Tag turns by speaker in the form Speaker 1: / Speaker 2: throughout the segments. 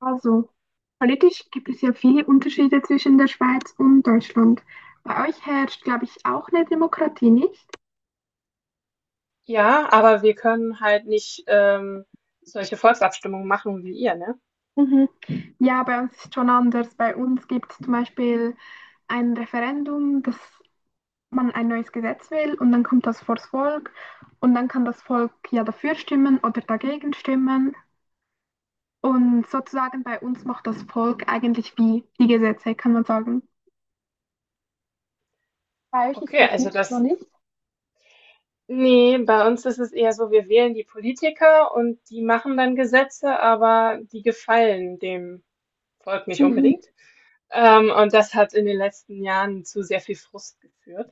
Speaker 1: Also, politisch gibt es ja viele Unterschiede zwischen der Schweiz und Deutschland. Bei euch herrscht, glaube ich, auch eine Demokratie, nicht?
Speaker 2: Ja, aber wir können halt nicht solche Volksabstimmungen machen wie ihr, ne?
Speaker 1: Mhm. Ja, bei uns ist schon anders. Bei uns gibt es zum Beispiel ein Referendum, dass man ein neues Gesetz will, und dann kommt das vors Volk und dann kann das Volk ja dafür stimmen oder dagegen stimmen. Und sozusagen bei uns macht das Volk eigentlich wie die Gesetze, kann man sagen. Bei euch ist
Speaker 2: Okay,
Speaker 1: das
Speaker 2: also
Speaker 1: nicht so, nicht?
Speaker 2: nee, bei uns ist es eher so, wir wählen die Politiker und die machen dann Gesetze, aber die gefallen dem Volk nicht
Speaker 1: Mhm.
Speaker 2: unbedingt. Und das hat in den letzten Jahren zu sehr viel Frust geführt.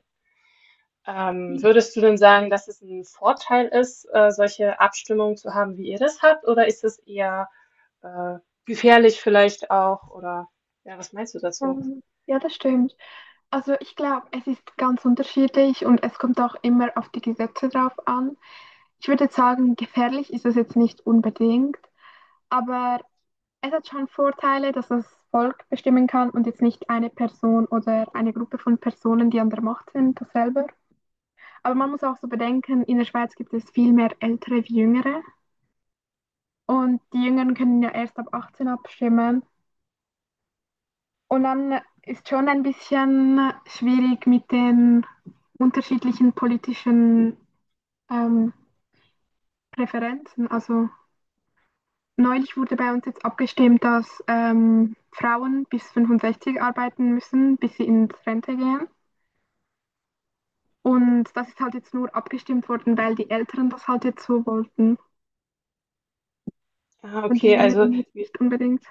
Speaker 2: Würdest du denn sagen, dass es ein Vorteil ist, solche Abstimmungen zu haben, wie ihr das habt, oder ist es eher äh, gefährlich vielleicht auch, oder ja, was meinst du dazu?
Speaker 1: Ja, das stimmt. Also ich glaube, es ist ganz unterschiedlich und es kommt auch immer auf die Gesetze drauf an. Ich würde jetzt sagen, gefährlich ist es jetzt nicht unbedingt, aber es hat schon Vorteile, dass das Volk bestimmen kann und jetzt nicht eine Person oder eine Gruppe von Personen, die an der Macht sind, das selber. Aber man muss auch so bedenken, in der Schweiz gibt es viel mehr Ältere wie Jüngere, und die Jüngeren können ja erst ab 18 abstimmen. Und dann ist schon ein bisschen schwierig mit den unterschiedlichen politischen ähm, Präferenzen. Also neulich wurde bei uns jetzt abgestimmt, dass Frauen bis 65 arbeiten müssen, bis sie ins Rente gehen. Und das ist halt jetzt nur abgestimmt worden, weil die Älteren das halt jetzt so wollten
Speaker 2: Ah,
Speaker 1: und die
Speaker 2: okay,
Speaker 1: Jüngeren jetzt nicht unbedingt.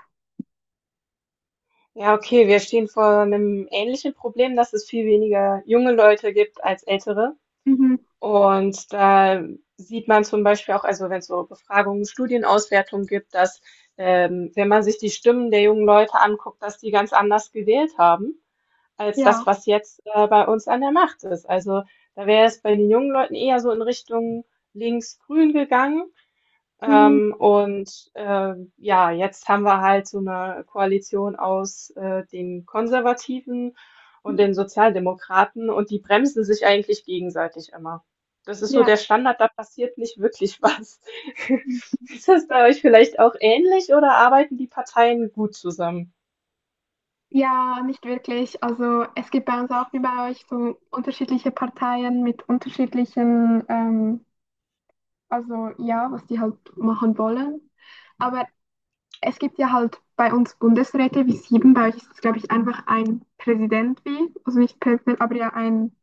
Speaker 2: ja, okay, wir stehen vor einem ähnlichen Problem, dass es viel weniger junge Leute gibt als ältere.
Speaker 1: Mhm.
Speaker 2: Und da sieht man zum Beispiel auch, also wenn es so Befragungen, Studienauswertungen gibt, dass wenn man sich die Stimmen der jungen Leute anguckt, dass die ganz anders gewählt haben als das,
Speaker 1: Ja.
Speaker 2: was jetzt bei uns an der Macht ist. Also da wäre es bei den jungen Leuten eher so in Richtung links-grün gegangen.
Speaker 1: Mhm.
Speaker 2: Ja, jetzt haben wir halt so eine Koalition aus den Konservativen und den Sozialdemokraten, und die bremsen sich eigentlich gegenseitig immer. Das ist so der
Speaker 1: Ja.
Speaker 2: Standard, da passiert nicht wirklich was. Ist das bei euch vielleicht auch ähnlich, oder arbeiten die Parteien gut zusammen?
Speaker 1: Ja, nicht wirklich. Also es gibt bei uns auch wie bei euch so unterschiedliche Parteien mit unterschiedlichen, also ja, was die halt machen wollen. Aber es gibt ja halt bei uns Bundesräte wie sieben. Bei euch ist es, glaube ich, einfach ein Präsident wie, also nicht Präsident, aber ja ein,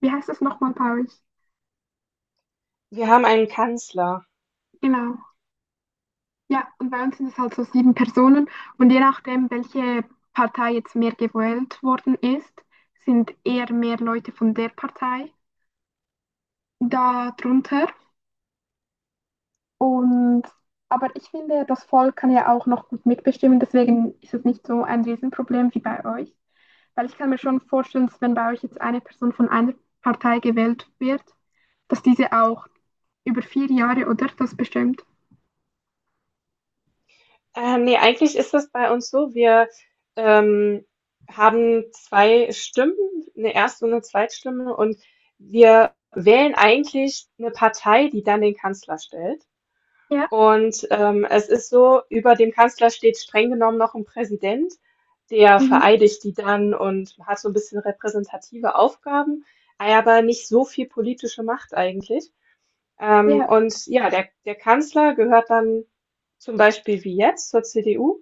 Speaker 1: wie heißt das nochmal bei euch?
Speaker 2: Wir haben einen Kanzler.
Speaker 1: Genau. Ja, und bei uns sind es halt so sieben Personen. Und je nachdem, welche Partei jetzt mehr gewählt worden ist, sind eher mehr Leute von der Partei darunter. Und aber ich finde, das Volk kann ja auch noch gut mitbestimmen, deswegen ist es nicht so ein Riesenproblem wie bei euch. Weil ich kann mir schon vorstellen, dass wenn bei euch jetzt eine Person von einer Partei gewählt wird, dass diese auch über vier Jahre, oder? Das bestimmt.
Speaker 2: Ne, eigentlich ist das bei uns so, ähm, haben 2 Stimmen, eine Erst und 'ne Zweitstimme, und wir wählen eigentlich eine Partei, die dann den Kanzler stellt.
Speaker 1: Ja,
Speaker 2: Es ist so, über dem Kanzler steht streng genommen noch ein Präsident, der
Speaker 1: mhm.
Speaker 2: vereidigt die dann und hat so ein bisschen repräsentative Aufgaben, aber nicht so viel politische Macht eigentlich.
Speaker 1: Ja,
Speaker 2: Und ja, der Kanzler gehört dann zum Beispiel wie jetzt zur CDU.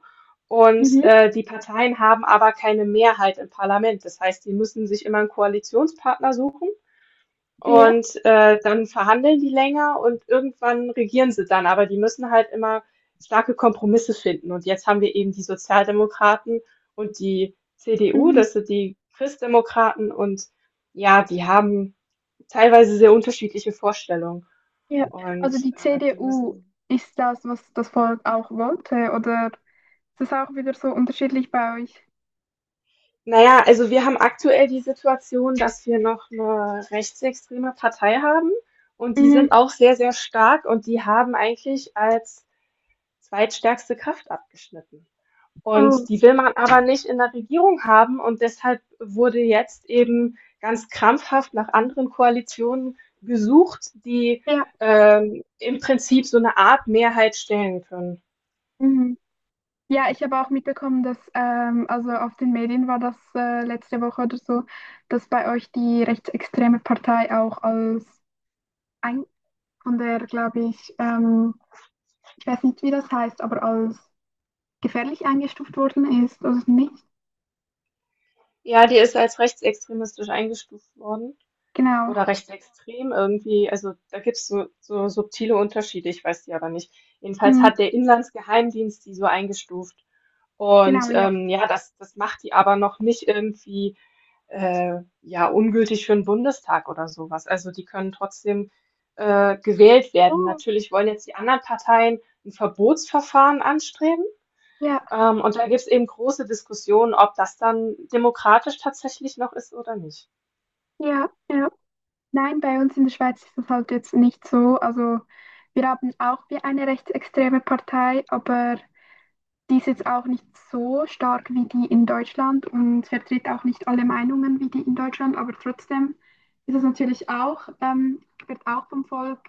Speaker 2: Und
Speaker 1: mhm.
Speaker 2: die Parteien haben aber keine Mehrheit im Parlament. Das heißt, die müssen sich immer einen Koalitionspartner suchen,
Speaker 1: Ja,
Speaker 2: und dann verhandeln die länger, und irgendwann regieren sie dann. Aber die müssen halt immer starke Kompromisse finden. Und jetzt haben wir eben die Sozialdemokraten und die CDU,
Speaker 1: mhm.
Speaker 2: das sind die Christdemokraten. Und ja, die haben teilweise sehr unterschiedliche Vorstellungen.
Speaker 1: Ja. Also
Speaker 2: Und,
Speaker 1: die
Speaker 2: die
Speaker 1: CDU
Speaker 2: müssen
Speaker 1: ist das, was das Volk auch wollte, oder ist es auch wieder so unterschiedlich bei euch?
Speaker 2: Naja, also wir haben aktuell die Situation, dass wir noch eine rechtsextreme Partei haben, und die
Speaker 1: Mhm.
Speaker 2: sind auch sehr, sehr stark, und die haben eigentlich als zweitstärkste Kraft abgeschnitten.
Speaker 1: Oh,
Speaker 2: Und die will man aber nicht in der Regierung haben, und deshalb wurde jetzt eben ganz krampfhaft nach anderen Koalitionen gesucht,
Speaker 1: ja.
Speaker 2: im Prinzip so eine Art Mehrheit stellen können.
Speaker 1: Mhm. Ja, ich habe auch mitbekommen, dass also auf den Medien war das letzte Woche oder so, dass bei euch die rechtsextreme Partei auch als ein von der, glaube ich, ich weiß nicht, wie das heißt, aber als gefährlich eingestuft worden ist, also nicht.
Speaker 2: Ja, die ist als rechtsextremistisch eingestuft worden.
Speaker 1: Genau.
Speaker 2: Oder rechtsextrem irgendwie. Also da gibt's so, so subtile Unterschiede, ich weiß die aber nicht. Jedenfalls
Speaker 1: Hm,
Speaker 2: hat der Inlandsgeheimdienst die so eingestuft. Und
Speaker 1: genau, ja.
Speaker 2: ja, das macht die aber noch nicht irgendwie äh, ja, ungültig für den Bundestag oder sowas. Also die können trotzdem gewählt werden.
Speaker 1: Oh.
Speaker 2: Natürlich wollen jetzt die anderen Parteien ein Verbotsverfahren anstreben.
Speaker 1: Ja,
Speaker 2: Und da gibt es eben große Diskussionen, ob das dann demokratisch tatsächlich noch ist oder nicht.
Speaker 1: ja, ja. Nein, bei uns in der Schweiz ist das halt jetzt nicht so. Also wir haben auch wie eine rechtsextreme Partei, aber die ist jetzt auch nicht so stark wie die in Deutschland und vertritt auch nicht alle Meinungen wie die in Deutschland, aber trotzdem ist es natürlich auch, wird auch vom Volk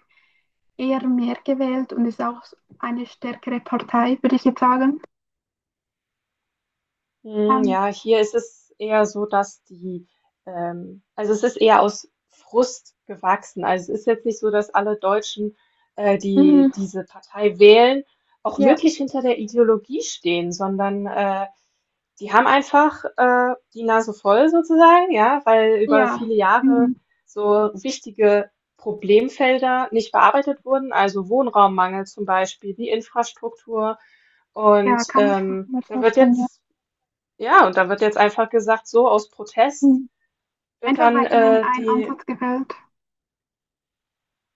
Speaker 1: eher mehr gewählt und ist auch eine stärkere Partei, würde ich jetzt sagen.
Speaker 2: Hm,
Speaker 1: Ähm,
Speaker 2: ja, hier ist es eher so, also es ist eher aus Frust gewachsen. Also es ist jetzt nicht so, dass alle Deutschen, die
Speaker 1: Mhm.
Speaker 2: diese Partei wählen, auch
Speaker 1: Ja.
Speaker 2: wirklich hinter der Ideologie stehen, sondern die haben einfach die Nase voll sozusagen, ja, weil über
Speaker 1: Ja,
Speaker 2: viele Jahre
Speaker 1: mhm.
Speaker 2: so wichtige Problemfelder nicht bearbeitet wurden, also Wohnraummangel zum Beispiel, die Infrastruktur,
Speaker 1: Ja,
Speaker 2: und
Speaker 1: kann mich mal
Speaker 2: da wird
Speaker 1: vorstellen, ja.
Speaker 2: jetzt, ja, und da wird jetzt einfach gesagt, so aus Protest
Speaker 1: Mhm.
Speaker 2: wird
Speaker 1: Einfach
Speaker 2: dann
Speaker 1: weil ihnen ein Ansatz gefällt.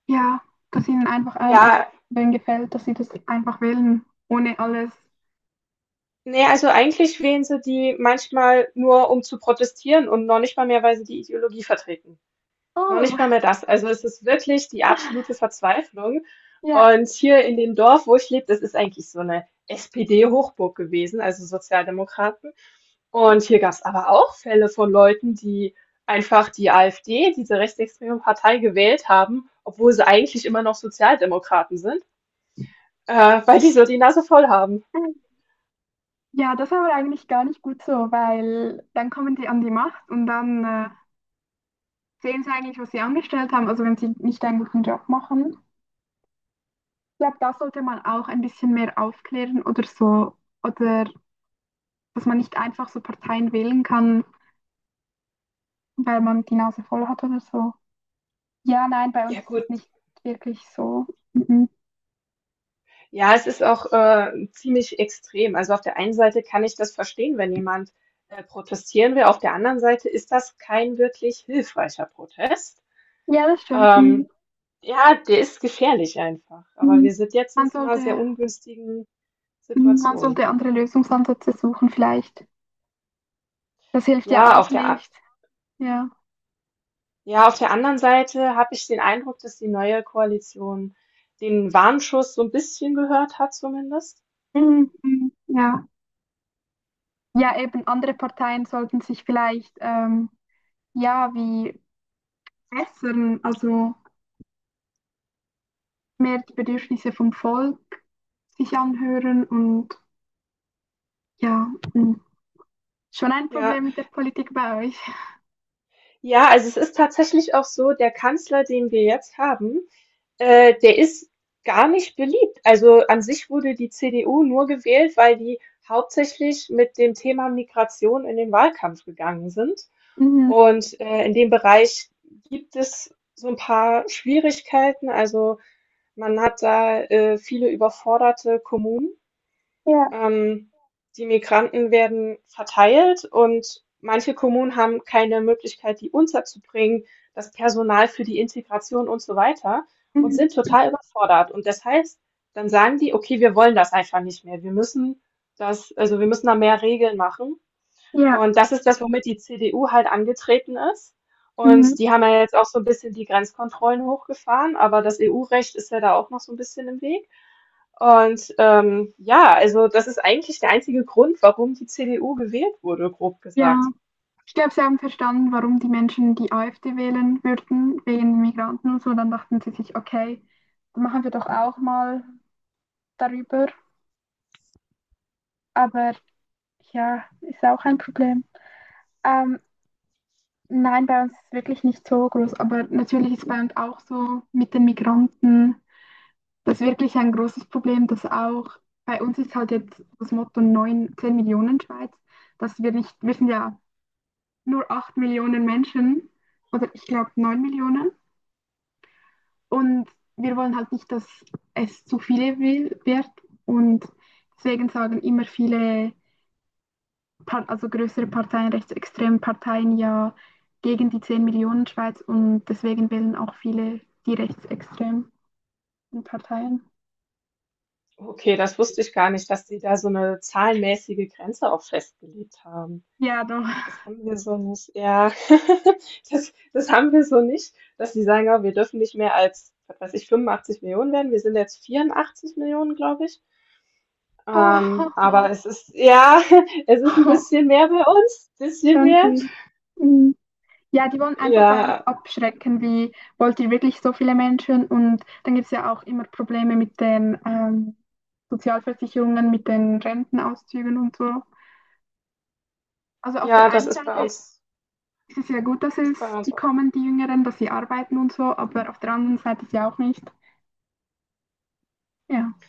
Speaker 1: Ja, dass ihnen einfach ein Ansatz
Speaker 2: ja,
Speaker 1: wählen gefällt, dass sie das einfach wählen, ohne alles.
Speaker 2: nee, also eigentlich wählen sie die manchmal nur, um zu protestieren, und noch nicht mal mehr, weil sie die Ideologie vertreten. Noch
Speaker 1: Oh,
Speaker 2: nicht mal mehr das. Also es ist wirklich die absolute Verzweiflung.
Speaker 1: ja.
Speaker 2: Und hier in dem Dorf, wo ich lebe, das ist eigentlich so eine SPD-Hochburg gewesen, also Sozialdemokraten. Und hier gab es aber auch Fälle von Leuten, die einfach die AfD, diese rechtsextreme Partei, gewählt haben, obwohl sie eigentlich immer noch Sozialdemokraten sind, weil die so die Nase voll haben.
Speaker 1: Ja, das ist aber eigentlich gar nicht gut so, weil dann kommen die an die Macht und dann sehen sie eigentlich, was sie angestellt haben, also wenn sie nicht einen guten Job machen. Ich glaube, da sollte man auch ein bisschen mehr aufklären oder so, oder dass man nicht einfach so Parteien wählen kann, weil man die Nase voll hat oder so. Ja, nein, bei uns
Speaker 2: Ja
Speaker 1: ist
Speaker 2: gut,
Speaker 1: das nicht wirklich so. Mhm.
Speaker 2: ja, es ist auch ziemlich extrem. Also auf der einen Seite kann ich das verstehen, wenn jemand protestieren will. Auf der anderen Seite ist das kein wirklich hilfreicher Protest.
Speaker 1: Ja, das stimmt.
Speaker 2: Ähm,
Speaker 1: Mhm.
Speaker 2: ja, der ist gefährlich einfach. Aber
Speaker 1: Mhm.
Speaker 2: wir sind jetzt in
Speaker 1: Man
Speaker 2: so einer sehr
Speaker 1: sollte,
Speaker 2: ungünstigen
Speaker 1: mhm, man
Speaker 2: Situation.
Speaker 1: sollte andere Lösungsansätze suchen vielleicht. Das hilft ja
Speaker 2: Ja, auf
Speaker 1: auch
Speaker 2: der,
Speaker 1: nicht. Ja.
Speaker 2: Ja, auf der anderen Seite habe ich den Eindruck, dass die neue Koalition den Warnschuss so ein bisschen gehört hat zumindest.
Speaker 1: Mhm. Mhm. Ja. Ja, eben andere Parteien sollten sich vielleicht ja wie bessern, also mehr die Bedürfnisse vom Volk sich anhören und ja, mm, schon ein
Speaker 2: Ja.
Speaker 1: Problem mit der Politik bei euch.
Speaker 2: Ja, also, es ist tatsächlich auch so, der Kanzler, den wir jetzt haben, der ist gar nicht beliebt. Also, an sich wurde die CDU nur gewählt, weil die hauptsächlich mit dem Thema Migration in den Wahlkampf gegangen sind.
Speaker 1: Mhm.
Speaker 2: In dem Bereich gibt es so ein paar Schwierigkeiten. Also, man hat da viele überforderte Kommunen.
Speaker 1: Ja.
Speaker 2: Ähm, Die Migranten werden verteilt, und manche Kommunen haben keine Möglichkeit, die unterzubringen, das Personal für die Integration und so weiter, und
Speaker 1: Mhm.
Speaker 2: sind total überfordert. Und das heißt, dann sagen die, okay, wir wollen das einfach nicht mehr. Wir müssen das, also wir müssen da mehr Regeln machen.
Speaker 1: Ja,
Speaker 2: Und das ist das, womit die CDU halt angetreten ist.
Speaker 1: mhm.
Speaker 2: Und die haben ja jetzt auch so ein bisschen die Grenzkontrollen hochgefahren, aber das EU-Recht ist ja da auch noch so ein bisschen im Weg. Und ja, also das ist eigentlich der einzige Grund, warum die CDU gewählt wurde, grob
Speaker 1: Ja.
Speaker 2: gesagt.
Speaker 1: Ich glaube, sie haben verstanden, warum die Menschen die AfD wählen würden, wegen Migranten und so. Dann dachten sie sich, okay, machen wir doch auch mal darüber. Aber ja, ist auch ein Problem. Ähm, Nein, bei uns ist es wirklich nicht so groß, aber natürlich ist bei uns auch so mit den Migranten, das ist wirklich ein großes Problem, dass auch bei uns ist halt jetzt das Motto 9, 10 Millionen Schweiz, dass wir nicht, wir sind ja nur 8 Millionen Menschen oder ich glaube 9 Millionen, und wir wollen halt nicht, dass es zu viele wird, und deswegen sagen immer viele, also größere Parteien, rechtsextreme Parteien ja gegen die 10 Millionen Schweiz, und deswegen wählen auch viele die rechtsextremen Parteien.
Speaker 2: Okay, das wusste ich gar nicht, dass die da so eine zahlenmäßige Grenze auch festgelegt haben.
Speaker 1: Ja, doch.
Speaker 2: Das haben wir so nicht, ja. Das haben wir so nicht, dass die sagen: „Ah, wir dürfen nicht mehr als, was weiß ich, 85 Millionen werden. Wir sind jetzt 84 Millionen, glaube ich.“
Speaker 1: Oh, oh,
Speaker 2: Aber
Speaker 1: oh.
Speaker 2: es ist ja, es ist ein
Speaker 1: Oh,
Speaker 2: bisschen mehr bei uns, bisschen
Speaker 1: schon
Speaker 2: mehr.
Speaker 1: viel. Mhm. Ja, die wollen einfach bei uns
Speaker 2: Ja,
Speaker 1: abschrecken, wie wollt ihr wirklich so viele Menschen? Und dann gibt es ja auch immer Probleme mit den Sozialversicherungen, mit den Rentenauszügen und so. Also auf der
Speaker 2: ja, das
Speaker 1: einen
Speaker 2: ist bei
Speaker 1: Seite
Speaker 2: uns.
Speaker 1: es ist ja gut, dass
Speaker 2: Das ist
Speaker 1: es
Speaker 2: bei uns
Speaker 1: die
Speaker 2: auch.
Speaker 1: kommen, die Jüngeren, dass sie arbeiten und so, aber auf der anderen Seite ist ja auch nicht. Ja.